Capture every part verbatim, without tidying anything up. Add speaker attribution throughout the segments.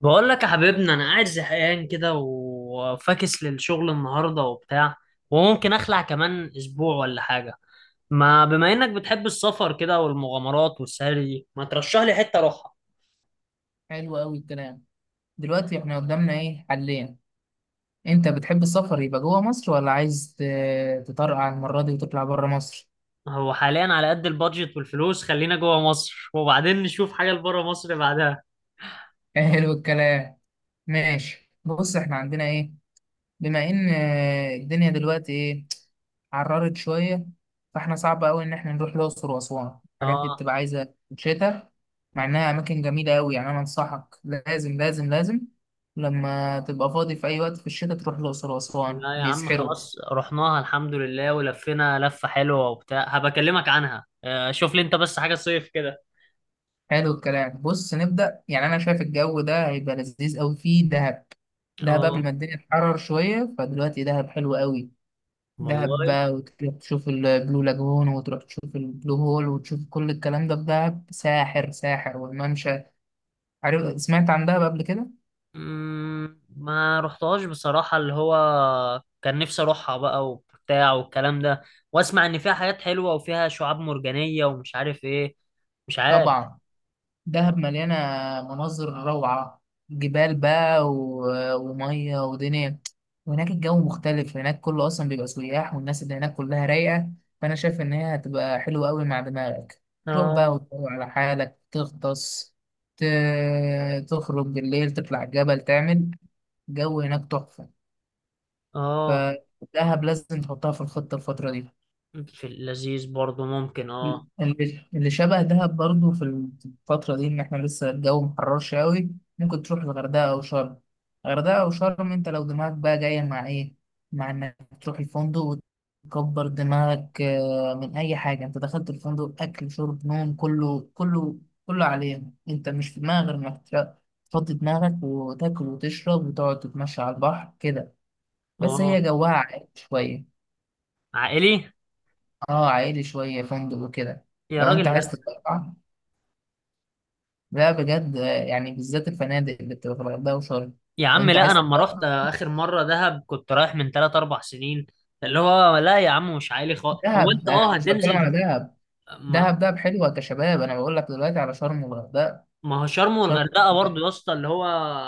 Speaker 1: بقول لك يا حبيبنا انا قاعد زهقان كده وفاكس للشغل النهارده وبتاع وممكن اخلع كمان اسبوع ولا حاجه. ما بما انك بتحب السفر كده والمغامرات والسهري ما ترشح لي حته اروحها؟
Speaker 2: حلو أوي الكلام. دلوقتي إحنا قدامنا إيه حلين؟ أنت بتحب السفر يبقى جوه مصر ولا عايز ت- تطرقع المرة دي وتطلع بره مصر؟
Speaker 1: هو حاليا على قد البادجت والفلوس خلينا جوه مصر وبعدين نشوف حاجه لبره مصر بعدها.
Speaker 2: حلو الكلام. ماشي، بص إحنا عندنا إيه. بما إن آه، الدنيا دلوقتي إيه، عررت شوية. فإحنا صعب أوي إن إحنا نروح الأقصر وأسوان، الحاجات دي
Speaker 1: اه.
Speaker 2: بتبقى عايزة شتاء. مع إنها أماكن جميلة أوي، يعني أنا أنصحك لازم لازم لازم لما تبقى فاضي في أي وقت في الشتاء تروح الأقصر وأسوان،
Speaker 1: لا يا عم
Speaker 2: بيسحروا.
Speaker 1: خلاص رحناها الحمد لله ولفينا لفه حلوه وبتاع هبكلمك عنها آه، شوف لي انت بس حاجه صيف كده.
Speaker 2: حلو الكلام. بص نبدأ، يعني أنا شايف الجو ده هيبقى لذيذ أوي فيه دهب. دهب قبل ما
Speaker 1: اه.
Speaker 2: الدنيا تحرر شوية، فدلوقتي دهب حلو أوي. دهب
Speaker 1: والله.
Speaker 2: بقى وتروح تشوف البلو لاجون وتروح تشوف البلو هول وتشوف كل الكلام ده في دهب، ساحر ساحر، والممشى. عارف، سمعت عن دهب قبل كده؟
Speaker 1: مم، ما رحتهاش بصراحة اللي هو كان نفسي اروحها بقى وبتاع والكلام ده، واسمع ان فيها حاجات حلوة وفيها شعاب مرجانية ومش عارف ايه. مش عارف.
Speaker 2: طبعا دهب مليانة مناظر روعة، جبال بقى و... ومية ودنيا. وهناك الجو مختلف، هناك كله أصلا بيبقى سياح والناس اللي هناك كلها رايقة. فأنا شايف إن هي هتبقى حلوة أوي مع دماغك، تروح بقى
Speaker 1: اه.
Speaker 2: وتروح على حالك تغطس، ت... تخرج بالليل تطلع جبل تعمل. جو هناك تحفة.
Speaker 1: اه،
Speaker 2: فدهب لازم تحطها في الخطة الفترة دي.
Speaker 1: في اللذيذ برضو ممكن اه.
Speaker 2: اللي اللي شبه دهب برضو في الفترة دي، إن إحنا لسه الجو محررش أوي، ممكن تروح الغردقة أو شرم. الغردقة أو شرم، أنت لو دماغك بقى جاية مع إيه؟ مع إنك تروح الفندق وتكبر دماغك آه، من أي حاجة. أنت دخلت الفندق أكل شرب نوم، كله كله كله عليك. أنت مش في دماغك غير إنك تر- تفضي دماغك وتاكل وتشرب وتقعد تتمشى على البحر كده. بس
Speaker 1: اه،
Speaker 2: هي جواها عائلي شوية.
Speaker 1: عائلي.
Speaker 2: أه، عائلي شوية، فندق وكده.
Speaker 1: يا
Speaker 2: لو أنت
Speaker 1: راجل
Speaker 2: عايز
Speaker 1: لا.
Speaker 2: تطلع، لا بجد. يعني بالذات الفنادق اللي بتبقى في الغردقة وشرم.
Speaker 1: يا
Speaker 2: لو
Speaker 1: عم
Speaker 2: انت
Speaker 1: لا انا
Speaker 2: عايز.
Speaker 1: لما رحت اخر مرة دهب كنت رايح من ثلاثة أربعة سنين. اللي هو لا يا عم مش عائلي خالص، هو انت
Speaker 2: دهب انا
Speaker 1: اه
Speaker 2: مش بتكلم
Speaker 1: هتنزل
Speaker 2: على
Speaker 1: في...
Speaker 2: دهب.
Speaker 1: ما
Speaker 2: دهب، دهب حلوة كشباب، انا بقول لك دلوقتي على شرم والغردقة.
Speaker 1: ما هو شرم
Speaker 2: شرم
Speaker 1: والغردقه برضو
Speaker 2: والغردقة.
Speaker 1: يا اسطى اللي هو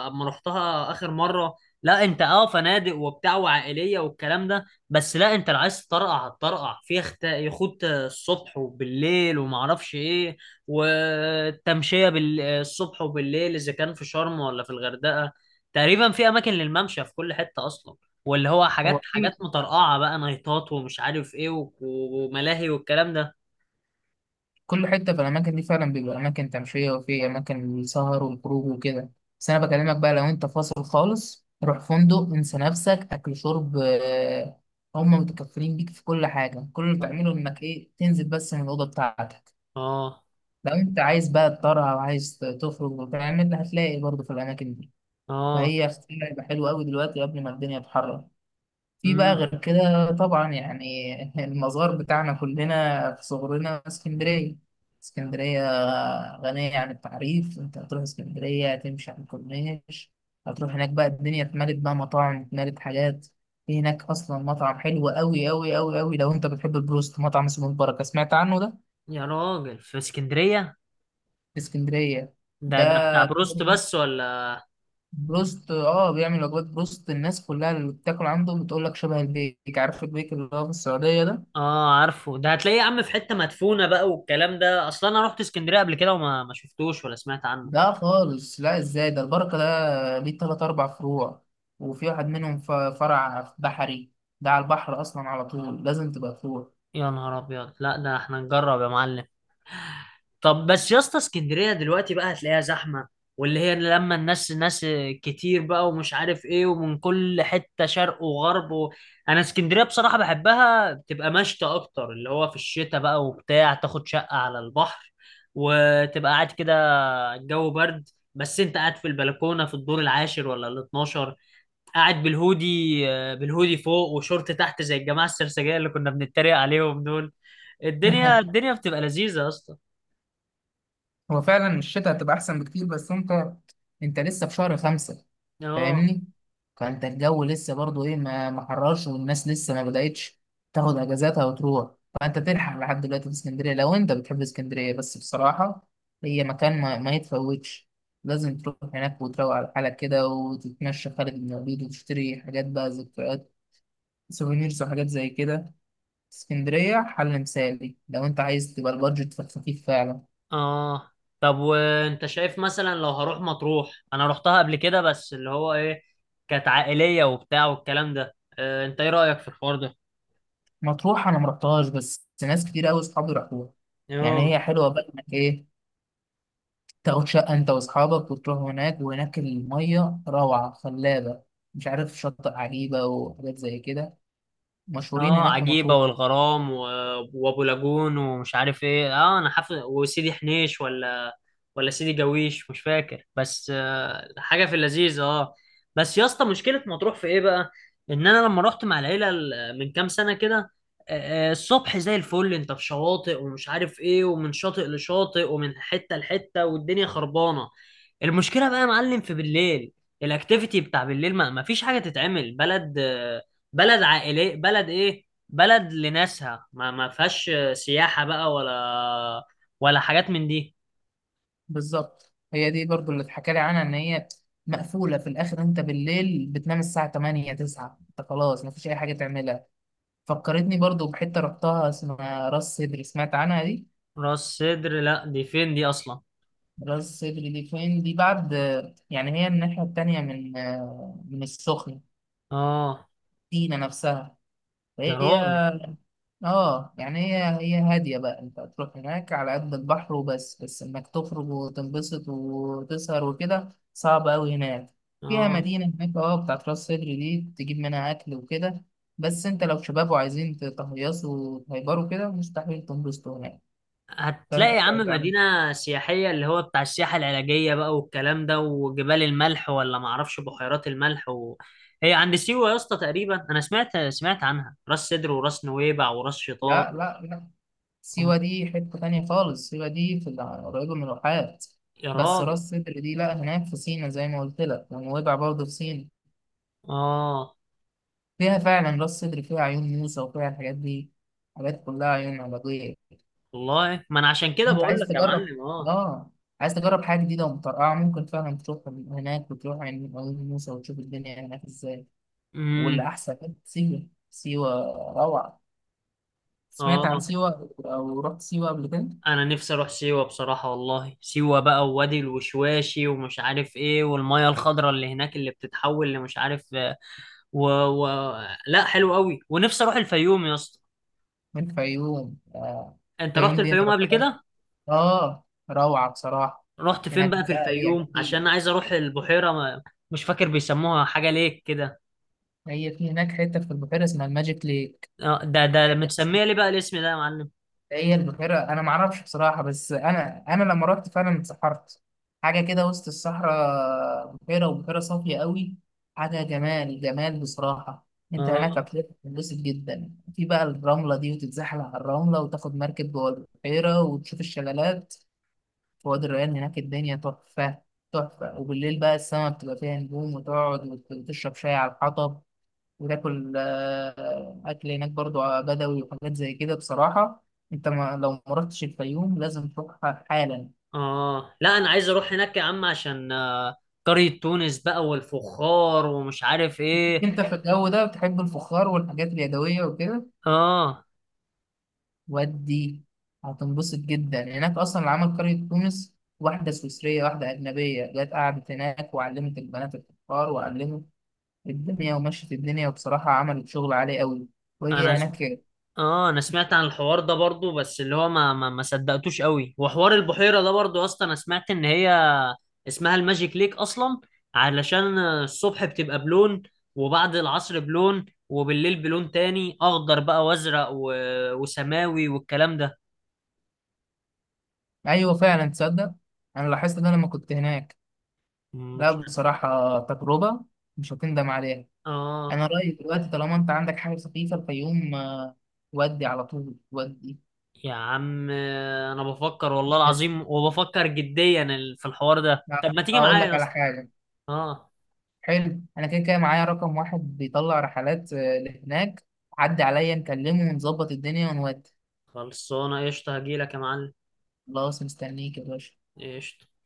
Speaker 1: اما رحتها اخر مره، لا انت اه فنادق وبتاع وعائليه والكلام ده، بس لا انت لو عايز تطرقع هتطرقع في يخت يخوت الصبح وبالليل وما اعرفش ايه والتمشيه بالصبح وبالليل اذا كان في شرم ولا في الغردقه. تقريبا في اماكن للممشى في كل حته اصلا، واللي هو
Speaker 2: هو
Speaker 1: حاجات حاجات
Speaker 2: كل
Speaker 1: مطرقعه بقى نايتات ومش عارف ايه و- وملاهي والكلام ده.
Speaker 2: كل حتة في الأماكن دي فعلا بيبقى أماكن تمشية، وفي أماكن السهر والخروج وكده. بس أنا بكلمك بقى لو أنت فاصل خالص، روح فندق انسى نفسك أكل شرب، آه، هم متكفلين بيك في كل حاجة. كل اللي
Speaker 1: اه.
Speaker 2: بتعمله إنك إيه، تنزل بس من الأوضة بتاعتك.
Speaker 1: اه.
Speaker 2: لو انت عايز بقى تطرح او عايز تخرج وتعمل، هتلاقي برضه في الاماكن دي.
Speaker 1: آه،
Speaker 2: فهي اختيار هيبقى حلو قوي دلوقتي قبل ما الدنيا تحرر. في بقى
Speaker 1: امم.
Speaker 2: غير كده طبعا يعني، المزار بتاعنا كلنا في صغرنا اسكندريه. اسكندريه غنيه عن التعريف. انت هتروح اسكندريه هتمشي على الكورنيش. هتروح هناك بقى، الدنيا اتملت بقى، مطاعم اتملت حاجات. في هناك اصلا مطعم حلو قوي قوي قوي قوي لو انت بتحب البروست، مطعم اسمه البركه. سمعت عنه ده؟
Speaker 1: يا راجل في اسكندرية؟
Speaker 2: في اسكندريه.
Speaker 1: ده
Speaker 2: ده
Speaker 1: ده آه. بتاع بروست بس ولا؟
Speaker 2: بروست، اه بيعمل وجبات بروست. الناس كلها اللي بتاكل عنده بتقول لك شبه البيك. عارف البيك اللي هو في السعودية ده؟
Speaker 1: اه عارفه، ده هتلاقيه يا عم في حتة مدفونة بقى والكلام ده، اصلا انا رحت اسكندرية قبل كده وما ما شفتوش ولا سمعت عنه.
Speaker 2: ده خالص؟ لا ازاي، ده البركة ده ليه تلات أربع فروع. وفي واحد منهم ف- فرع في بحري، ده على البحر أصلا على طول لازم تبقى فروع.
Speaker 1: يا نهار ابيض، لا ده احنا نجرب يا معلم. طب بس يا اسطى اسكندرية دلوقتي بقى هتلاقيها زحمة، واللي هي لما الناس ناس كتير بقى ومش عارف ايه ومن كل حتة شرق وغرب و... انا اسكندرية بصراحة بحبها، بتبقى مشتى اكتر اللي هو في الشتاء بقى وبتاع، تاخد شقة على البحر وتبقى قاعد كده، الجو برد بس انت قاعد في البلكونه في الدور العاشر ولا ال الاتناشر، قاعد بالهودي، آه، بالهودي فوق وشورت تحت زي الجماعه السرسجيه اللي كنا بنتريق عليهم دول. الدنيا الدنيا بتبقى لذيذه يا اسطى.
Speaker 2: هو فعلا الشتاء هتبقى احسن بكتير. بس انت انت لسه في شهر خمسة،
Speaker 1: اه.
Speaker 2: فاهمني. فانت الجو لسه برضو ايه، ما ما حررش، والناس لسه ما بدأتش تاخد اجازاتها وتروح. فانت تلحق لحد دلوقتي في اسكندرية لو انت بتحب اسكندرية. بس بصراحة هي مكان ما, ما يتفوتش. لازم تروح هناك وتروق على حالك كده، وتتمشى خالد بن الوليد وتشتري حاجات بقى، ذكريات سوفينيرز وحاجات زي كده. اسكندرية حل مثالي لو انت عايز تبقى البادجت في الخفيف فعلا.
Speaker 1: اه. طب وانت شايف مثلا لو هروح مطروح؟ انا رحتها قبل كده بس اللي هو ايه، كانت عائليه وبتاع والكلام ده، آه، انت ايه رايك في الحوار ده؟
Speaker 2: مطروح انا ما رحتهاش، بس ناس كتير قوي اصحابي راحوها. يعني
Speaker 1: اه.
Speaker 2: هي حلوه بقى انك ايه، تاخد شقه انت واصحابك وتروح هناك، وهناك الميه روعه خلابه. مش عارف، شاطئ عجيبه وحاجات زي كده مشهورين
Speaker 1: اه،
Speaker 2: هناك في
Speaker 1: عجيبة
Speaker 2: مطروح.
Speaker 1: والغرام و... وابو لاجون ومش عارف ايه، اه انا حافظ، وسيدي حنيش ولا ولا سيدي جويش مش فاكر، بس آه حاجة في اللذيذ اه. بس يا اسطى مشكلة مطروح في ايه بقى؟ ان انا لما رحت مع العيلة ال- من كام سنة كده، آه آه، الصبح زي الفل انت في شواطئ ومش عارف ايه ومن شاطئ لشاطئ ومن حتة لحتة والدنيا خربانة. المشكله بقى يا معلم في بالليل، الاكتيفيتي بتاع بالليل ما ما فيش حاجه تتعمل، بلد بلد عائليه، بلد ايه، بلد لناسها ما ما فيهاش سياحه بقى ولا ولا حاجات من دي.
Speaker 2: بالظبط، هي دي برضو اللي اتحكى لي عنها، ان هي مقفوله في الاخر. انت بالليل بتنام الساعه تمانية تسعة، انت خلاص مفيش اي حاجه تعملها. فكرتني برضو بحته رحتها اسمها راس سدر، سمعت عنها؟
Speaker 1: راس سدر لا دي فين دي اصلا؟
Speaker 2: راس صدري دي فين دي بعد؟ يعني هي الناحية التانية من من السخنة،
Speaker 1: اه.
Speaker 2: سينا نفسها،
Speaker 1: يا
Speaker 2: فهي.
Speaker 1: راجل.
Speaker 2: اه يعني هي هي هادية بقى، انت هتروح هناك على قد البحر وبس. بس انك تخرج وتنبسط وتسهر وكده صعب أوي هناك. فيها
Speaker 1: اه.
Speaker 2: مدينة هناك، اه، بتاعت راس صدري دي تجيب منها أكل وكده. بس انت لو شباب وعايزين تهيصوا وتهيبروا كده، مستحيل تنبسطوا هناك.
Speaker 1: هتلاقي
Speaker 2: فانت
Speaker 1: يا عم
Speaker 2: ابعد عن.
Speaker 1: مدينة سياحية اللي هو بتاع السياحة العلاجية بقى والكلام ده وجبال الملح ولا معرفش بحيرات الملح و... هي عند سيوة يا اسطى تقريبا، أنا سمعت سمعت عنها، راس سدر وراس نويبع وراس شيطان.
Speaker 2: لا لا لا،
Speaker 1: أم-
Speaker 2: سيوة دي حتة تانية خالص. سيوة دي في الع- قريبة من الواحات.
Speaker 1: يا
Speaker 2: بس راس
Speaker 1: راجل.
Speaker 2: سدر دي لا، هناك في سينا زي ما قلت لك، ونويبع برضه في سينا.
Speaker 1: آه.
Speaker 2: فيها فعلا راس سدر فيها عيون موسى وفيها الحاجات دي، حاجات كلها عيون علاجية.
Speaker 1: والله ما أنا عشان كده
Speaker 2: انت
Speaker 1: بقول
Speaker 2: عايز
Speaker 1: لك يا
Speaker 2: تجرب؟
Speaker 1: معلم آه.
Speaker 2: اه، عايز تجرب حاجة جديدة ومترقعة، ممكن فعلا تروح هناك وتروح عند عيون موسى وتشوف الدنيا هناك ازاي.
Speaker 1: امم.
Speaker 2: والأحسن كانت سيوة. سيوة روعة. سمعت عن
Speaker 1: آه.
Speaker 2: سيوة أو رحت سيوة قبل كده؟
Speaker 1: أنا نفسي أروح سيوة بصراحة والله، سيوة بقى ووادي الوشواشي ومش عارف إيه والمية الخضراء اللي هناك اللي بتتحول لمش عارف و... و... لا حلو قوي، ونفسي اروح الفيوم يا اسطى.
Speaker 2: من الفيوم آه،
Speaker 1: انت رحت
Speaker 2: الفيوم دي أنا
Speaker 1: الفيوم قبل
Speaker 2: رحتها،
Speaker 1: كده؟
Speaker 2: اه روعة بصراحة.
Speaker 1: رحت فين
Speaker 2: هناك
Speaker 1: بقى في
Speaker 2: بقى ايه
Speaker 1: الفيوم؟ عشان
Speaker 2: اكيد.
Speaker 1: انا عايز اروح البحيره ما... مش فاكر بيسموها حاجه ليك كده.
Speaker 2: هي في هناك حتة في البحيرة اسمها الماجيك ليك.
Speaker 1: آه، ده ده
Speaker 2: حاجة بس-
Speaker 1: متسميه ليه بقى الاسم ده يا معلم؟
Speaker 2: هي البحيرة انا معرفش بصراحة، بس انا انا لما رحت فعلا اتسحرت. حاجة كده وسط الصحراء، بحيرة، وبحيرة صافية قوي. حاجة جمال جمال بصراحة. انت هناك
Speaker 1: اه.
Speaker 2: هتتبسط جدا في بقى الرملة دي وتتزحلق على الرملة، وتاخد مركب جوه البحيرة وتشوف الشلالات في وادي الريان. هناك الدنيا تحفة. تحفة. وبالليل بقى السما بتبقى فيها نجوم، وتقعد وت- وتشرب شاي على الحطب وتاكل آه، أكل هناك برضو بدوي وحاجات زي كده بصراحة. أنت ما، لو ما رحتش الفيوم لازم تروح حالا.
Speaker 1: اه لا انا عايز اروح هناك يا عم عشان آه، قريه تونس بقى والفخار ومش عارف ايه.
Speaker 2: أنت في الجو ده بتحب الفخار والحاجات اليدوية وكده.
Speaker 1: اه.
Speaker 2: ودي هتنبسط جدا، يعني هناك أصلا اللي عمل قرية تونس، واحدة سويسرية، واحدة أجنبية، جت قعدت هناك وعلمت البنات الفخار وعلمت الدنيا ومشت الدنيا، وبصراحة عملت شغل عالي قوي. وهي
Speaker 1: انا
Speaker 2: هناك كده.
Speaker 1: اه، انا سمعت عن الحوار ده برضو بس اللي هو ما ما, ما صدقتوش قوي، وحوار البحيرة ده برضو اصلا انا سمعت ان هي اسمها الماجيك ليك اصلا علشان الصبح بتبقى بلون وبعد العصر بلون وبالليل بلون تاني، اخضر بقى وازرق و... وسماوي والكلام ده.
Speaker 2: أيوة فعلا، تصدق أنا لاحظت ده لما كنت هناك. لا
Speaker 1: مش
Speaker 2: بصراحة، تجربة مش هتندم عليها.
Speaker 1: اه.
Speaker 2: أنا رأيي دلوقتي طالما أنت عندك حاجة سخيفة الفيوم، آه، ودي على طول ودي.
Speaker 1: يا عم انا بفكر والله
Speaker 2: بس
Speaker 1: العظيم، وبفكر جديا ال- في الحوار ده، طب
Speaker 2: لا،
Speaker 1: ما تيجي
Speaker 2: أقول
Speaker 1: معايا
Speaker 2: لك
Speaker 1: يا
Speaker 2: على
Speaker 1: اسطى؟
Speaker 2: حاجة.
Speaker 1: اه.
Speaker 2: حلو، أنا كده كده معايا رقم واحد بيطلع رحلات آه، لهناك. عدي عليا نكلمه ونظبط الدنيا ونودي.
Speaker 1: خلصانه قشطه، هجيلك يا معلم.
Speaker 2: خلاص مستنيك يا باشا.
Speaker 1: قشطه.